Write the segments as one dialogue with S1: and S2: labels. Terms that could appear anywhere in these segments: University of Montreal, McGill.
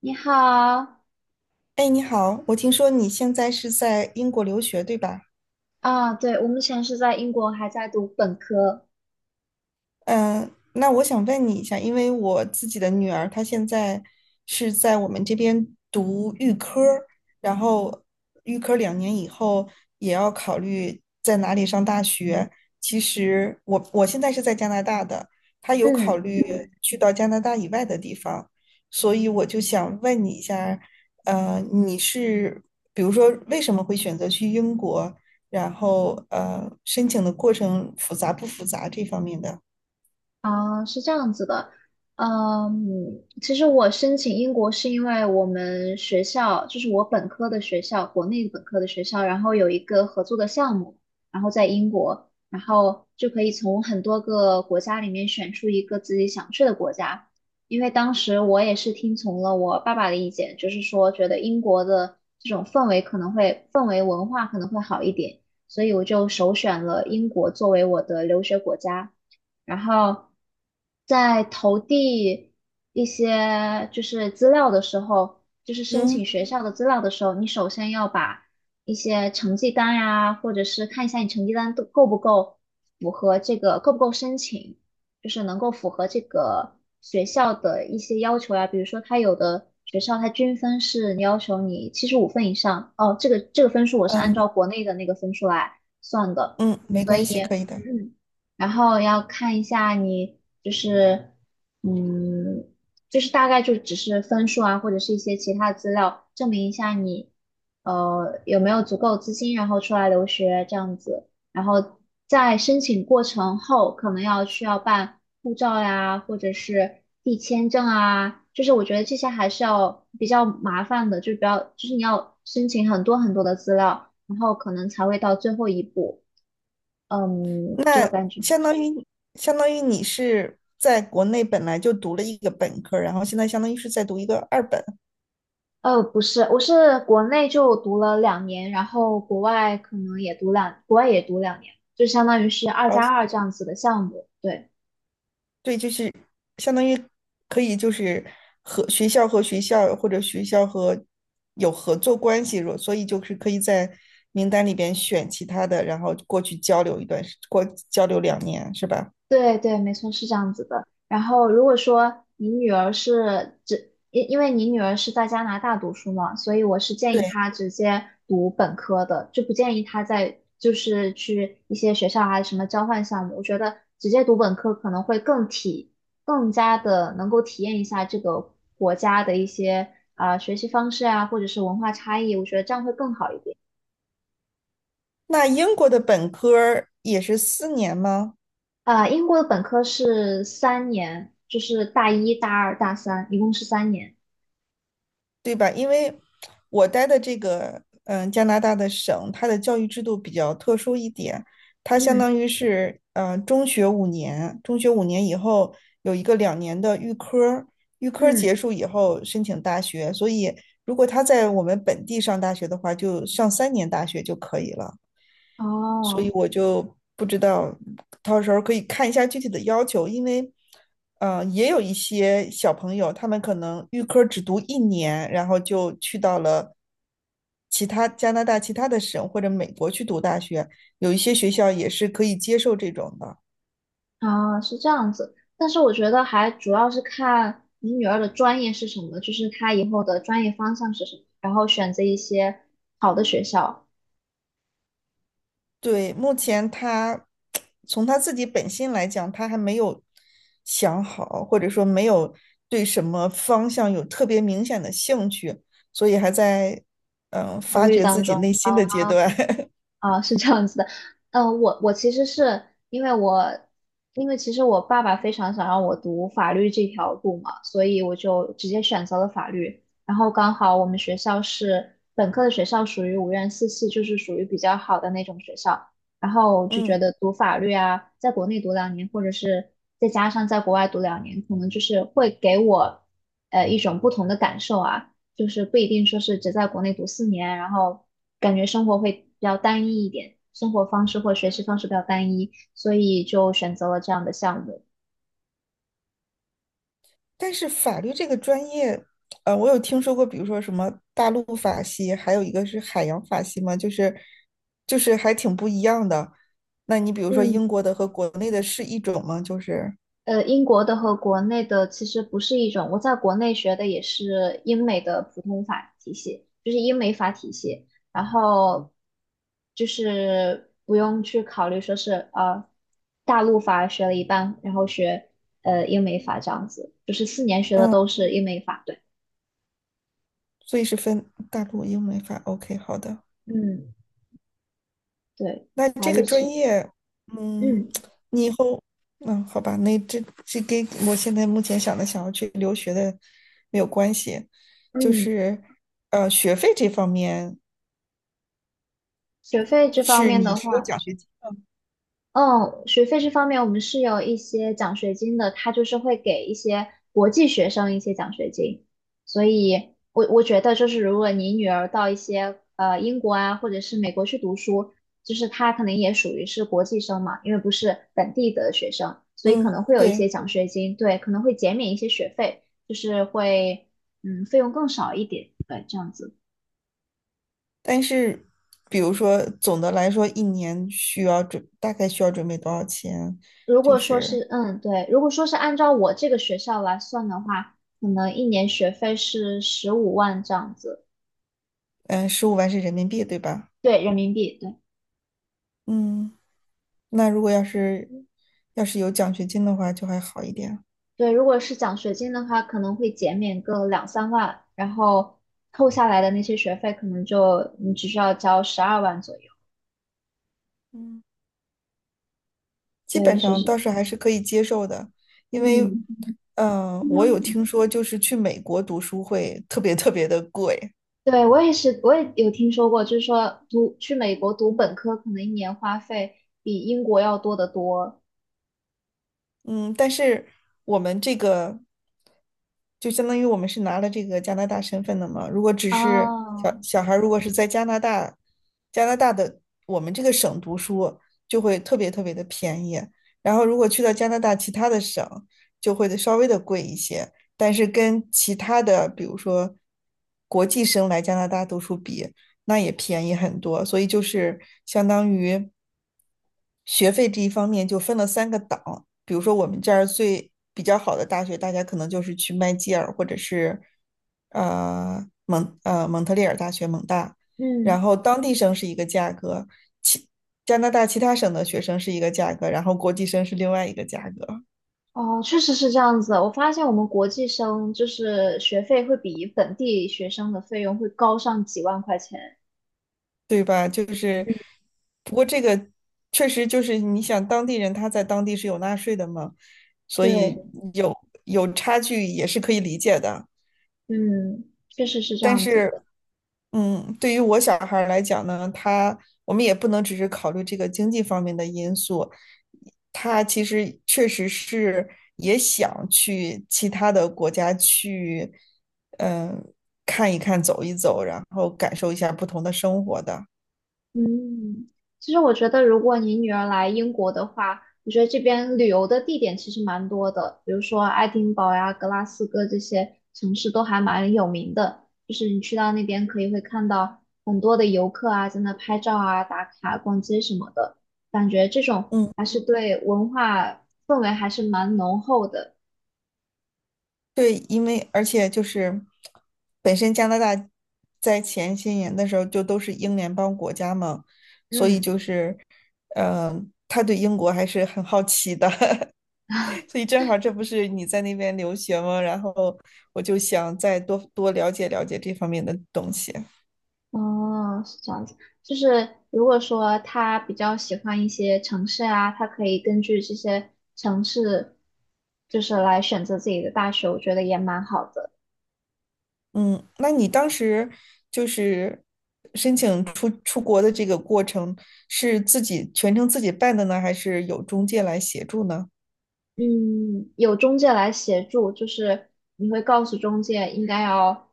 S1: 你好
S2: 哎，你好，我听说你现在是在英国留学，对吧？
S1: 啊，对，我目前是在英国，还在读本科。
S2: 嗯，那我想问你一下，因为我自己的女儿她现在是在我们这边读预科儿，然后预科儿两年以后也要考虑在哪里上大学。其实我现在是在加拿大的，她有考
S1: 嗯。
S2: 虑去到加拿大以外的地方，所以我就想问你一下，呃，你是比如说为什么会选择去英国，然后申请的过程复杂不复杂这方面的？
S1: 啊，是这样子的，其实我申请英国是因为我们学校，就是我本科的学校，国内本科的学校，然后有一个合作的项目，然后在英国，然后就可以从很多个国家里面选出一个自己想去的国家。因为当时我也是听从了我爸爸的意见，就是说觉得英国的这种氛围文化可能会好一点，所以我就首选了英国作为我的留学国家。然后在投递一些就是资料的时候，就是申
S2: 嗯
S1: 请学校的资料的时候，你首先要把一些成绩单呀、或者是看一下你成绩单都够不够符合这个，够不够申请，就是能够符合这个学校的一些要求呀、比如说，它有的学校它均分是要求你75分以上，哦，这个这个分数我是按
S2: 嗯
S1: 照国内的那个分数来算的，
S2: 嗯，没
S1: 所以。
S2: 关系，可以的。
S1: 嗯。然后要看一下你就是，嗯，就是大概就只是分数啊，或者是一些其他资料，证明一下你，有没有足够资金，然后出来留学这样子。然后在申请过程后，可能要需要办护照呀，或者是递签证啊，就是我觉得这些还是要比较麻烦的，就是比较，就是你要申请很多很多的资料，然后可能才会到最后一步。就
S2: 那
S1: 感觉。
S2: 相当于相当于你是在国内本来就读了一个本科，然后现在相当于是在读一个二本，
S1: 不是，我是国内就读了两年，然后国外也读两年，就相当于是二
S2: 而
S1: 加二这样子的项目。对。
S2: 对，就是相当于可以就是和学校或者学校和有合作关系，所以就是可以在名单里边选其他的，然后过去交流一段时，过交流两年，是吧？
S1: 对对，没错，是这样子的。然后，如果说你女儿是只，因因为你女儿是在加拿大读书嘛，所以我是建议
S2: 对。
S1: 她直接读本科的，就不建议她在就是去一些学校啊，什么交换项目。我觉得直接读本科可能会更加的能够体验一下这个国家的一些啊、学习方式啊，或者是文化差异，我觉得这样会更好一点。
S2: 那英国的本科儿也是4年吗？
S1: 啊、英国的本科是三年，就是大一、大二、大三，一共是三年。
S2: 对吧？因为我待的这个加拿大的省，它的教育制度比较特殊一点，它相
S1: 嗯
S2: 当于是中学五年，中学五年以后有一个两年的预科，预科
S1: 嗯，
S2: 结束以后申请大学，所以如果他在我们本地上大学的话，就上三年大学就可以了。所以
S1: 哦
S2: 我就不知道，到时候可以看一下具体的要求，因为，也有一些小朋友，他们可能预科只读一年，然后就去到了加拿大其他的省或者美国去读大学，有一些学校也是可以接受这种的。
S1: 哦，是这样子。但是我觉得还主要是看你女儿的专业是什么，就是她以后的专业方向是什么，然后选择一些好的学校，
S2: 对，目前他从他自己本心来讲，他还没有想好，或者说没有对什么方向有特别明显的兴趣，所以还在
S1: 考
S2: 发
S1: 虑
S2: 掘
S1: 当
S2: 自己
S1: 中。
S2: 内
S1: 啊
S2: 心的阶段。
S1: 啊，是这样子的，我其实是因为我，因为其实我爸爸非常想让我读法律这条路嘛，所以我就直接选择了法律。然后刚好我们学校是本科的学校，属于五院四系，就是属于比较好的那种学校。然后就觉
S2: 嗯，
S1: 得读法律啊，在国内读两年，或者是再加上在国外读两年，可能就是会给我一种不同的感受啊。就是不一定说是只在国内读四年，然后感觉生活会比较单一一点，生活方式或学习方式比较单一，所以就选择了这样的项目。
S2: 但是法律这个专业，我有听说过，比如说什么大陆法系，还有一个是海洋法系嘛，就是还挺不一样的。那你比如说
S1: 嗯
S2: 英国的和国内的是一种吗？就是。
S1: 英国的和国内的其实不是一种，我在国内学的也是英美的普通法体系，就是英美法体系，然后就是不用去考虑说是大陆法学了一半，然后学英美法这样子，就是四年学的
S2: 嗯。
S1: 都是英美法，对，
S2: 所以是分大陆英美法。OK，好的。
S1: 嗯。对，
S2: 那
S1: 法
S2: 这个
S1: 律
S2: 专
S1: 系，
S2: 业，嗯，
S1: 嗯
S2: 你以后，好吧，那这跟我现在目前想要去留学的没有关系，就
S1: 嗯，
S2: 是学费这方面
S1: 学费这方
S2: 是
S1: 面
S2: 你
S1: 的
S2: 是有
S1: 话，
S2: 奖学金，
S1: 嗯，学费这方面我们是有一些奖学金的，它就是会给一些国际学生一些奖学金，所以我觉得就是如果你女儿到一些英国啊或者是美国去读书，就是她可能也属于是国际生嘛，因为不是本地的学生，所以可
S2: 嗯，
S1: 能会有一
S2: 对。
S1: 些奖学金，对，可能会减免一些学费，就是会费用更少一点，对，这样子。
S2: 但是比如说总的来说，一年需要大概需要准备多少钱？
S1: 如
S2: 就
S1: 果说
S2: 是
S1: 是，对，如果说是按照我这个学校来算的话，可能一年学费是15万这样子，
S2: 嗯，15万是人民币，对吧？
S1: 对，人民币，对，
S2: 嗯，那如果要是有奖学金的话，就还好一点。
S1: 对。如果是奖学金的话，可能会减免个两三万，然后扣下来的那些学费，可能就你只需要交12万左右。
S2: 嗯，基
S1: 对，
S2: 本
S1: 就
S2: 上
S1: 是，
S2: 倒是还是可以接受的，因为，
S1: 嗯，
S2: 我有听说，就是去美国读书会特别特别的贵。
S1: 对，我也是，我也有听说过，就是说读去美国读本科，可能一年花费比英国要多得多。
S2: 嗯，但是我们这个就相当于我们是拿了这个加拿大身份的嘛。如果只是
S1: 哦，
S2: 小小孩，如果是在加拿大，加拿大的我们这个省读书，就会特别特别的便宜。然后如果去到加拿大其他的省，就会稍微的贵一些。但是跟其他的，比如说国际生来加拿大读书比，那也便宜很多。所以就是相当于学费这一方面就分了三个档。比如说我们这儿比较好的大学，大家可能就是去麦吉尔或者是蒙特利尔大学蒙大，
S1: 嗯。
S2: 然后当地生是一个价格，其加拿大其他省的学生是一个价格，然后国际生是另外一个价格，
S1: 哦，确实是这样子。我发现我们国际生就是学费会比本地学生的费用会高上几万块钱。
S2: 对吧？就是不过这个确实就是你想当地人他在当地是有纳税的嘛，所以
S1: 对，
S2: 有有差距也是可以理解的。
S1: 嗯，确实是这
S2: 但
S1: 样子
S2: 是，
S1: 的。
S2: 对于我小孩儿来讲呢，我们也不能只是考虑这个经济方面的因素，他其实确实是也想去其他的国家去，嗯，看一看、走一走，然后感受一下不同的生活的。
S1: 嗯，其实我觉得，如果你女儿来英国的话，我觉得这边旅游的地点其实蛮多的，比如说爱丁堡呀、格拉斯哥这些城市都还蛮有名的。就是你去到那边，可以会看到很多的游客啊，在那拍照啊、打卡、逛街什么的，感觉这种还
S2: 嗯。
S1: 是对文化氛围还是蛮浓厚的。
S2: 对，因为而且就是本身加拿大在前些年的时候就都是英联邦国家嘛，所以就
S1: 嗯。
S2: 是，他对英国还是很好奇的，所以正好这不是你在那边留学吗？然后我就想再多多了解了解这方面的东西。
S1: 哦，是这样子，就是如果说他比较喜欢一些城市啊，他可以根据这些城市，就是来选择自己的大学，我觉得也蛮好的。
S2: 嗯，那你当时就是申请出国的这个过程是自己全程自己办的呢，还是有中介来协助呢？
S1: 嗯，有中介来协助，就是你会告诉中介应该要，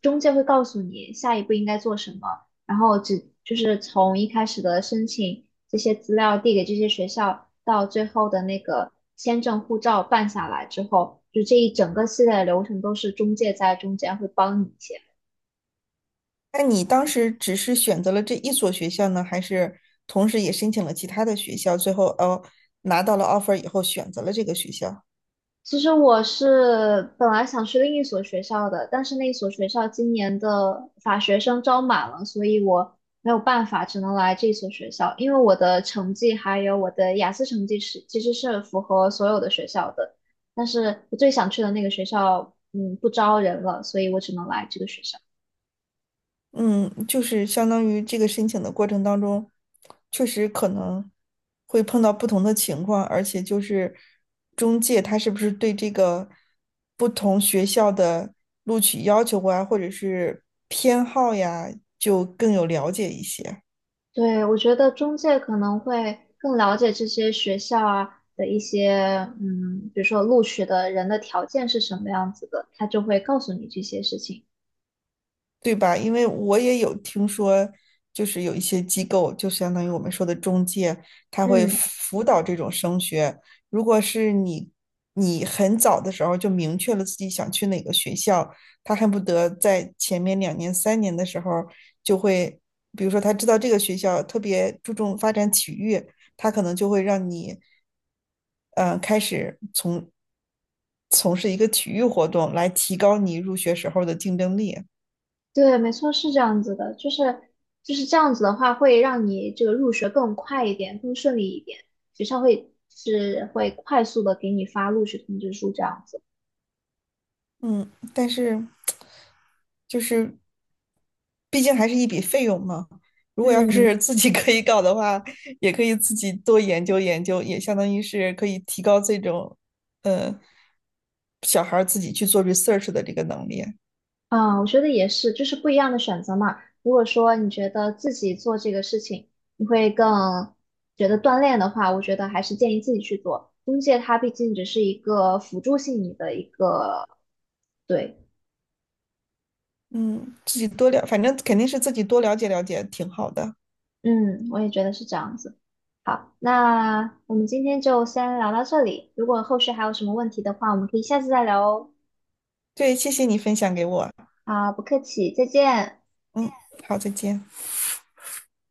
S1: 中介会告诉你下一步应该做什么，然后只就是从一开始的申请这些资料递给这些学校，到最后的那个签证护照办下来之后，就这一整个系列的流程都是中介在中间会帮你一些。
S2: 那你当时只是选择了这一所学校呢，还是同时也申请了其他的学校？最后哦，拿到了 offer 以后选择了这个学校。
S1: 其实我是本来想去另一所学校的，但是那一所学校今年的法学生招满了，所以我没有办法，只能来这所学校。因为我的成绩还有我的雅思成绩是其实是符合所有的学校的，但是我最想去的那个学校，嗯，不招人了，所以我只能来这个学校。
S2: 嗯，就是相当于这个申请的过程当中，确实可能会碰到不同的情况，而且就是中介他是不是对这个不同学校的录取要求啊，或者是偏好呀，就更有了解一些。
S1: 对，我觉得中介可能会更了解这些学校啊的一些，比如说录取的人的条件是什么样子的，他就会告诉你这些事情。
S2: 对吧？因为我也有听说，就是有一些机构，就相当于我们说的中介，他会
S1: 嗯
S2: 辅导这种升学。如果是你，你很早的时候就明确了自己想去哪个学校，他恨不得在前面2年、3年的时候就会，比如说他知道这个学校特别注重发展体育，他可能就会让你，开始从事一个体育活动来提高你入学时候的竞争力。
S1: 对，没错，是这样子的，就是这样子的话，会让你这个入学更快一点，更顺利一点，学校会是会快速的给你发录取通知书这样子。
S2: 嗯，但是就是毕竟还是一笔费用嘛。如果要是
S1: 嗯，
S2: 自己可以搞的话，也可以自己多研究研究，也相当于是可以提高这种，呃，小孩儿自己去做 research 的这个能力。
S1: 啊，我觉得也是，就是不一样的选择嘛。如果说你觉得自己做这个事情，你会更觉得锻炼的话，我觉得还是建议自己去做。中介它毕竟只是一个辅助性你的一个，对，
S2: 嗯，自己多了，反正肯定是自己多了解了解，挺好的。
S1: 嗯，我也觉得是这样子。好，那我们今天就先聊到这里。如果后续还有什么问题的话，我们可以下次再聊哦。
S2: 对，谢谢你分享给我。
S1: 啊，不客气，再见。
S2: 嗯，好，再见。